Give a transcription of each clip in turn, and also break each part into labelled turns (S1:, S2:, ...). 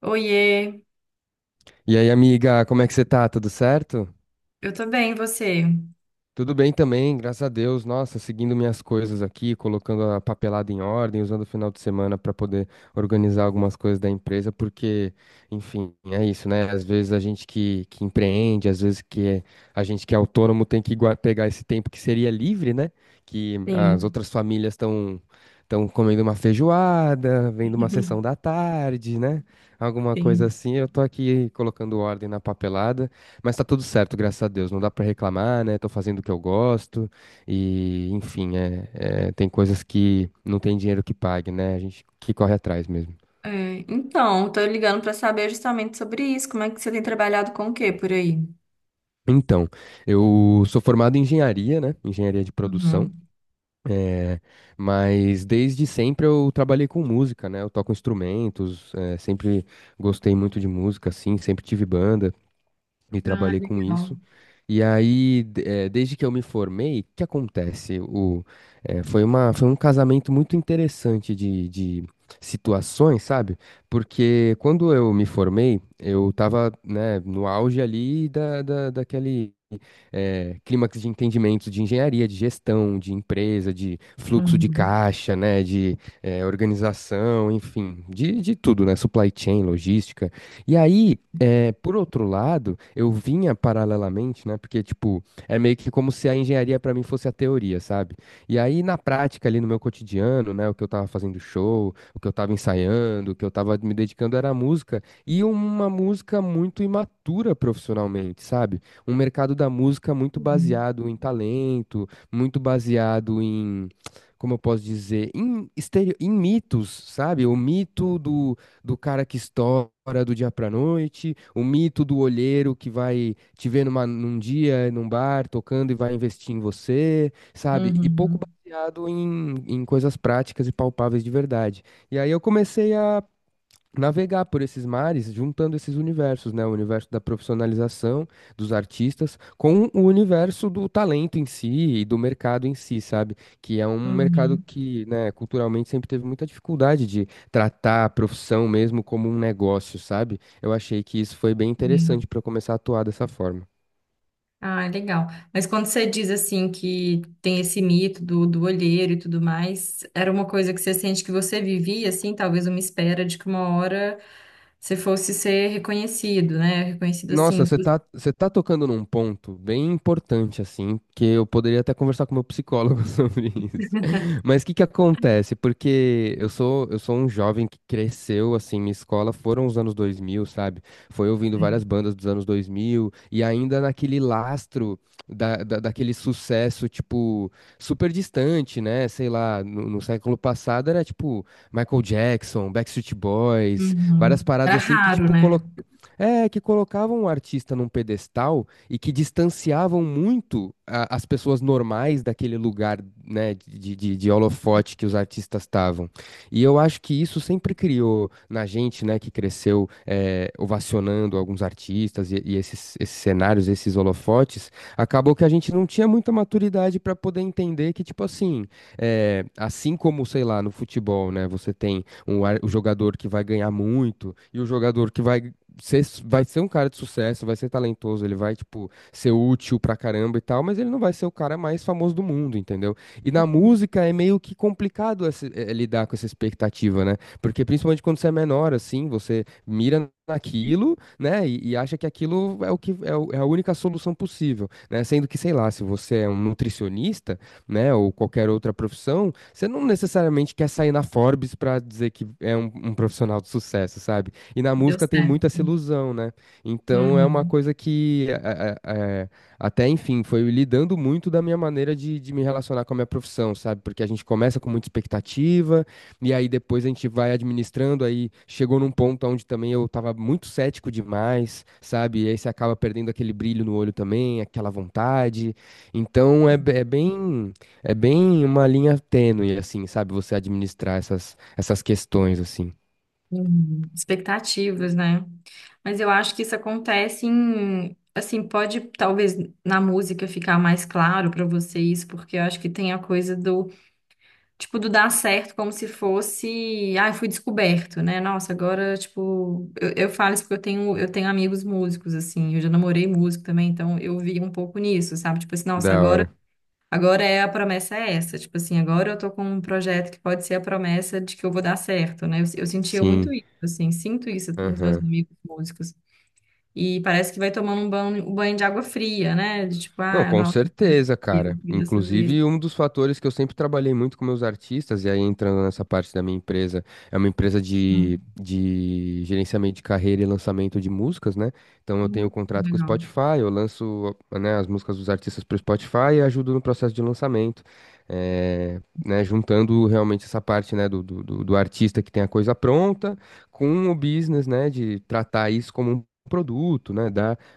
S1: Oiê,
S2: E aí, amiga, como é que você tá? Tudo certo?
S1: eu tô bem, e você?
S2: Tudo bem também, graças a Deus. Nossa, seguindo minhas coisas aqui, colocando a papelada em ordem, usando o final de semana para poder organizar algumas coisas da empresa, porque, enfim, é isso, né? Às vezes a gente que empreende, às vezes que é- a gente que é autônomo tem que pegar esse tempo que seria livre, né? Que as
S1: Sim,
S2: outras famílias estão comendo uma feijoada, vendo uma sessão da tarde, né? Alguma coisa
S1: sim.
S2: assim. Eu tô aqui colocando ordem na papelada. Mas tá tudo certo, graças a Deus. Não dá pra reclamar, né? Tô fazendo o que eu gosto. E, enfim, tem coisas que não tem dinheiro que pague, né? A gente que corre atrás mesmo.
S1: É, então, tô ligando pra saber justamente sobre isso. Como é que você tem trabalhado com o quê por aí?
S2: Então, eu sou formado em engenharia, né? Engenharia de produção.
S1: Uhum.
S2: é, mas desde sempre eu trabalhei com música, né? Eu toco instrumentos, sempre gostei muito de música, assim, sempre tive banda e
S1: Ah,
S2: trabalhei com
S1: legal.
S2: isso. E aí, desde que eu me formei, o que acontece? Foi uma, foi um casamento muito interessante de situações, sabe? Porque quando eu me formei, eu tava, né, no auge ali daquele clímax de entendimento de engenharia, de gestão, de empresa, de fluxo de
S1: Uhum.
S2: caixa, né, de organização, enfim, de tudo, né? Supply chain, logística. E aí. É, por outro lado, eu vinha paralelamente, né? Porque, tipo, é meio que como se a engenharia pra mim fosse a teoria, sabe? E aí, na prática, ali no meu cotidiano, né? O que eu tava fazendo show, o que eu tava ensaiando, o que eu tava me dedicando era a música. E uma música muito imatura profissionalmente, sabe? Um mercado da música muito
S1: Uhum.
S2: baseado em talento, muito baseado em. Como eu posso dizer? Em mitos, sabe? O mito do cara que estoura do dia pra noite, o mito do olheiro que vai te ver num dia, num bar, tocando e vai investir em você, sabe? E pouco
S1: Uhum.
S2: baseado em coisas práticas e palpáveis de verdade. E aí eu comecei a navegar por esses mares, juntando esses universos, né? O universo da profissionalização dos artistas com o universo do talento em si e do mercado em si, sabe? Que é um mercado
S1: Uhum.
S2: que, né, culturalmente sempre teve muita dificuldade de tratar a profissão mesmo como um negócio, sabe? Eu achei que isso foi bem interessante
S1: Sim.
S2: para começar a atuar dessa forma.
S1: Ah, legal. Mas quando você diz assim que tem esse mito do olheiro e tudo mais, era uma coisa que você sente que você vivia, assim, talvez uma espera de que uma hora você fosse ser reconhecido, né? Reconhecido assim.
S2: Nossa, você tá tocando num ponto bem importante, assim, que eu poderia até conversar com meu psicólogo sobre isso. Mas o que que acontece? Porque eu sou um jovem que cresceu, assim, minha escola foram os anos 2000, sabe? Foi ouvindo várias bandas dos anos 2000 e ainda naquele lastro daquele sucesso, tipo, super distante, né? Sei lá, no século passado era, tipo, Michael Jackson, Backstreet Boys, várias
S1: Uhum.
S2: paradas
S1: Era
S2: assim que,
S1: raro,
S2: tipo,
S1: né?
S2: que colocavam o artista num pedestal e que distanciavam muito as pessoas normais daquele lugar, né, de holofote que os artistas estavam. E eu acho que isso sempre criou na gente, né, que cresceu ovacionando alguns artistas e, esses cenários, esses holofotes, acabou que a gente não tinha muita maturidade para poder entender que, tipo assim, assim como, sei lá, no futebol, né, você tem o jogador que vai ganhar muito e o jogador que vai ser um cara de sucesso, vai ser talentoso, ele vai, tipo, ser útil pra caramba e tal, mas ele não vai ser o cara mais famoso do mundo, entendeu? E na música é meio que complicado lidar com essa expectativa, né? Porque principalmente quando você é menor, assim, você mira naquilo, né? E acha que aquilo é o que é, é a única solução possível, né? Sendo que, sei lá, se você é um nutricionista, né, ou qualquer outra profissão, você não necessariamente quer sair na Forbes pra dizer que é um profissional de sucesso, sabe? E na
S1: Deu
S2: música tem
S1: certo.
S2: muito essa ilusão, né? Então é uma
S1: Uhum.
S2: coisa que é, até, enfim, foi lidando muito da minha maneira de me relacionar com a minha profissão, sabe? Porque a gente começa com muita expectativa, e aí depois a gente vai administrando, aí chegou num ponto onde também eu tava muito cético demais, sabe? E aí você acaba perdendo aquele brilho no olho também, aquela vontade. Então é bem uma linha tênue, assim, sabe? Você administrar essas questões, assim.
S1: Uhum. Expectativas, né? Mas eu acho que isso acontece em, assim, pode talvez na música ficar mais claro pra vocês, porque eu acho que tem a coisa do, tipo, do dar certo como se fosse, ah, eu fui descoberto, né? Nossa, agora, tipo, eu falo isso porque eu tenho amigos músicos, assim, eu já namorei músico também, então eu vi um pouco nisso, sabe? Tipo assim, nossa,
S2: Da
S1: agora.
S2: hora.
S1: Agora é a promessa é essa, tipo assim, agora eu tô com um projeto que pode ser a promessa de que eu vou dar certo, né? Eu sentia muito
S2: Sim.
S1: isso, assim, sinto isso nos meus
S2: Aham.
S1: amigos músicos. E parece que vai tomando um banho de água fria, né? De tipo,
S2: Não,
S1: ah,
S2: com
S1: nossa,
S2: certeza,
S1: eu
S2: cara.
S1: fui dessa vez.
S2: Inclusive, um dos fatores que eu sempre trabalhei muito com meus artistas, e aí entrando nessa parte da minha empresa, é uma empresa de,
S1: Hum,
S2: de gerenciamento de carreira e lançamento de músicas, né? Então eu tenho contrato com o
S1: legal.
S2: Spotify, eu lanço, né, as músicas dos artistas para o Spotify e ajudo no processo de lançamento. Né, juntando realmente essa parte, né, do artista que tem a coisa pronta com o business, né, de tratar isso como um produto, né,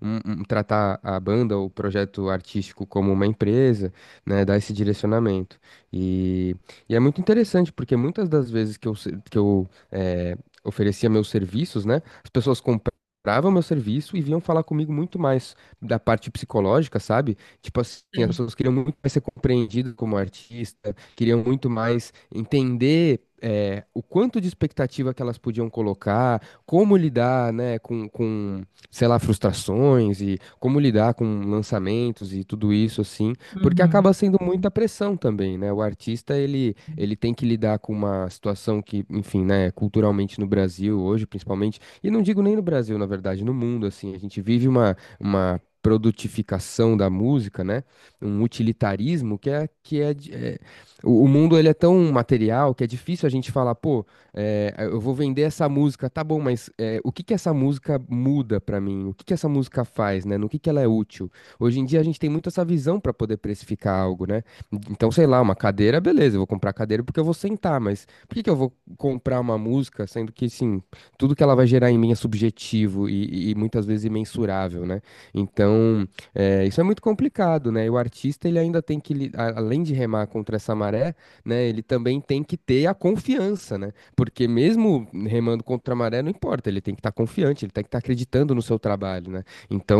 S2: tratar a banda ou o projeto artístico como uma empresa, né, dar esse direcionamento. E, e é muito interessante, porque muitas das vezes que eu, se- que eu eh, oferecia meus serviços, né, as pessoas compravam meu serviço e vinham falar comigo muito mais da parte psicológica, sabe? Tipo assim, as
S1: Sei.
S2: pessoas queriam muito mais ser compreendidas como artista, queriam muito mais entender o quanto de expectativa que elas podiam colocar, como lidar, né, com sei lá, frustrações e como lidar com lançamentos e tudo isso assim, porque acaba
S1: Uhum.
S2: sendo muita pressão também, né? O artista ele tem que lidar com uma situação que, enfim, né, culturalmente no Brasil hoje, principalmente, e não digo nem no Brasil, na verdade, no mundo assim, a gente vive uma produtificação da música, né? Um utilitarismo que é, o mundo ele é tão material que é difícil a gente falar, pô, eu vou vender essa música, tá bom, mas o que que essa música muda pra mim? O que que essa música faz, né? No que ela é útil? Hoje em dia a gente tem muito essa visão pra poder precificar algo, né? Então, sei lá, uma cadeira, beleza, eu vou comprar cadeira porque eu vou sentar, mas por que que eu vou comprar uma música sendo que, assim, tudo que ela vai gerar em mim é subjetivo e muitas vezes imensurável, né? Então, isso é muito complicado, né? E o artista, ele ainda tem que, além de remar contra essa maré, né, ele também tem que ter a confiança, né? Porque mesmo remando contra a maré, não importa, ele tem que estar confiante, ele tem que estar acreditando no seu trabalho, né?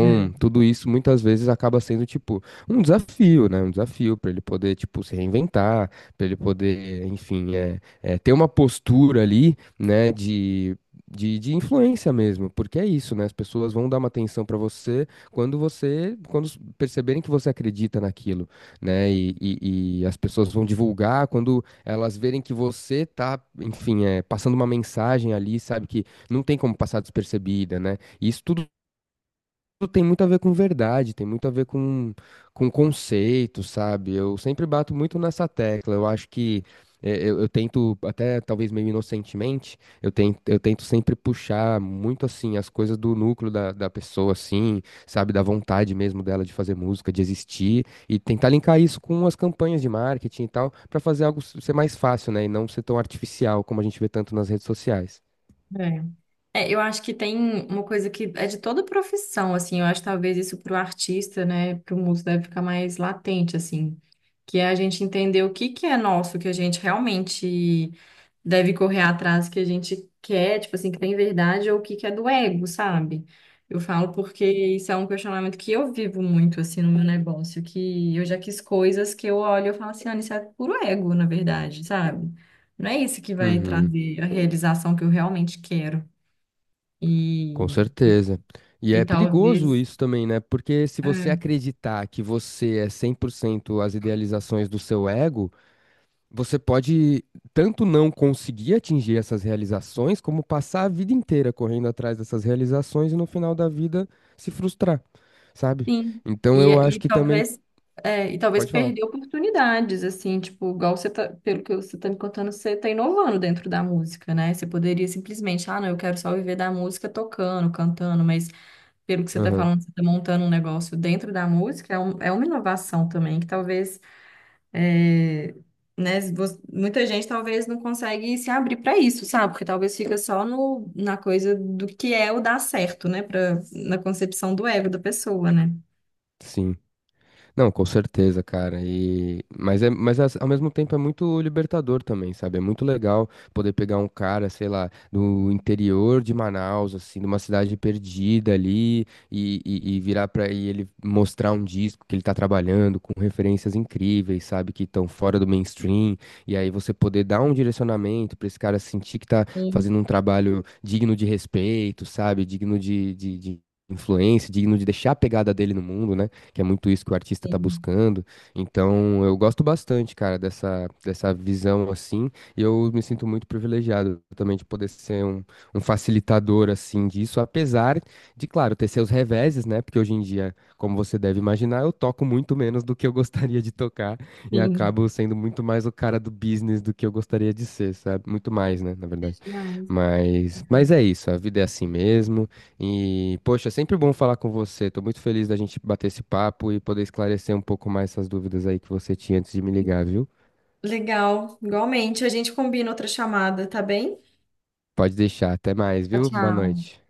S1: É,
S2: tudo isso muitas vezes acaba sendo, tipo, um desafio, né? Um desafio para ele poder, tipo, se reinventar, para ele poder, enfim, ter uma postura ali, né, de. De influência mesmo, porque é isso, né? As pessoas vão dar uma atenção para você quando perceberem que você acredita naquilo, né? E as pessoas vão divulgar quando elas verem que você tá, enfim, passando uma mensagem ali, sabe, que não tem como passar despercebida, né? E isso tudo tem muito a ver com verdade, tem muito a ver com, conceito, sabe? Eu sempre bato muito nessa tecla. Eu acho que eu tento, até talvez meio inocentemente, eu tento sempre puxar muito assim as coisas do núcleo da pessoa, assim, sabe? Da vontade mesmo dela de fazer música, de existir, e tentar linkar isso com as campanhas de marketing e tal, pra fazer algo ser mais fácil, né? E não ser tão artificial como a gente vê tanto nas redes sociais.
S1: é. É, eu acho que tem uma coisa que é de toda profissão, assim, eu acho que talvez isso para o artista, né, para o músico deve ficar mais latente, assim, que é a gente entender o que que é nosso, que a gente realmente deve correr atrás, que a gente quer, tipo assim, que tem verdade, ou o que que é do ego, sabe? Eu falo porque isso é um questionamento que eu vivo muito, assim, no meu negócio, que eu já quis coisas que eu olho e eu falo assim, Ana, isso é puro ego, na verdade, sabe? Não é isso que vai
S2: Uhum.
S1: trazer a realização que eu realmente quero.
S2: Com
S1: E,
S2: certeza. E
S1: e
S2: é perigoso
S1: talvez,
S2: isso também, né? Porque se você
S1: é,
S2: acreditar que você é 100% as idealizações do seu ego, você pode tanto não conseguir atingir essas realizações, como passar a vida inteira correndo atrás dessas realizações e no final da vida se frustrar, sabe?
S1: sim,
S2: Então
S1: e,
S2: eu acho
S1: e
S2: que também.
S1: talvez, é, e talvez
S2: Pode falar.
S1: perder oportunidades, assim, tipo, igual você tá, pelo que você tá me contando, você tá inovando dentro da música, né? Você poderia simplesmente, ah, não, eu quero só viver da música tocando, cantando, mas pelo que você tá
S2: Aham,
S1: falando, você tá montando um negócio dentro da música, é, um, é uma inovação também, que talvez. É, né, se você- muita gente talvez não consegue se abrir para isso, sabe? Porque talvez fica só no, na coisa do que é o dar certo, né? Pra, na concepção do ego da pessoa, né?
S2: sim. Não, com certeza, cara. E ao mesmo tempo é muito libertador também, sabe? É muito legal poder pegar um cara, sei lá, do interior de Manaus, assim, de uma cidade perdida ali, e virar pra e ele mostrar um disco que ele tá trabalhando com referências incríveis, sabe? Que estão fora do mainstream. E aí você poder dar um direcionamento pra esse cara sentir que tá
S1: Sim,
S2: fazendo um trabalho digno de respeito, sabe? Digno de, de influência, digno de deixar a pegada dele no mundo, né? Que é muito isso que o artista tá
S1: sim,
S2: buscando. Então, eu gosto bastante, cara, dessa visão assim, e eu me sinto muito privilegiado também de poder ser um facilitador assim disso, apesar de, claro, ter seus reveses, né? Porque hoje em dia, como você deve imaginar, eu toco muito menos do que eu gostaria de tocar e
S1: sim.
S2: acabo sendo muito mais o cara do business do que eu gostaria de ser, sabe? Muito mais, né, na
S1: É
S2: verdade.
S1: demais.
S2: Mas é isso, a vida é assim mesmo. E, poxa, é sempre bom falar com você. Tô muito feliz da gente bater esse papo e poder esclarecer um pouco mais essas dúvidas aí que você tinha antes de me ligar, viu?
S1: Legal, igualmente. A gente combina outra chamada, tá bem?
S2: Pode deixar, até mais,
S1: Tchau,
S2: viu? Boa
S1: tchau.
S2: noite.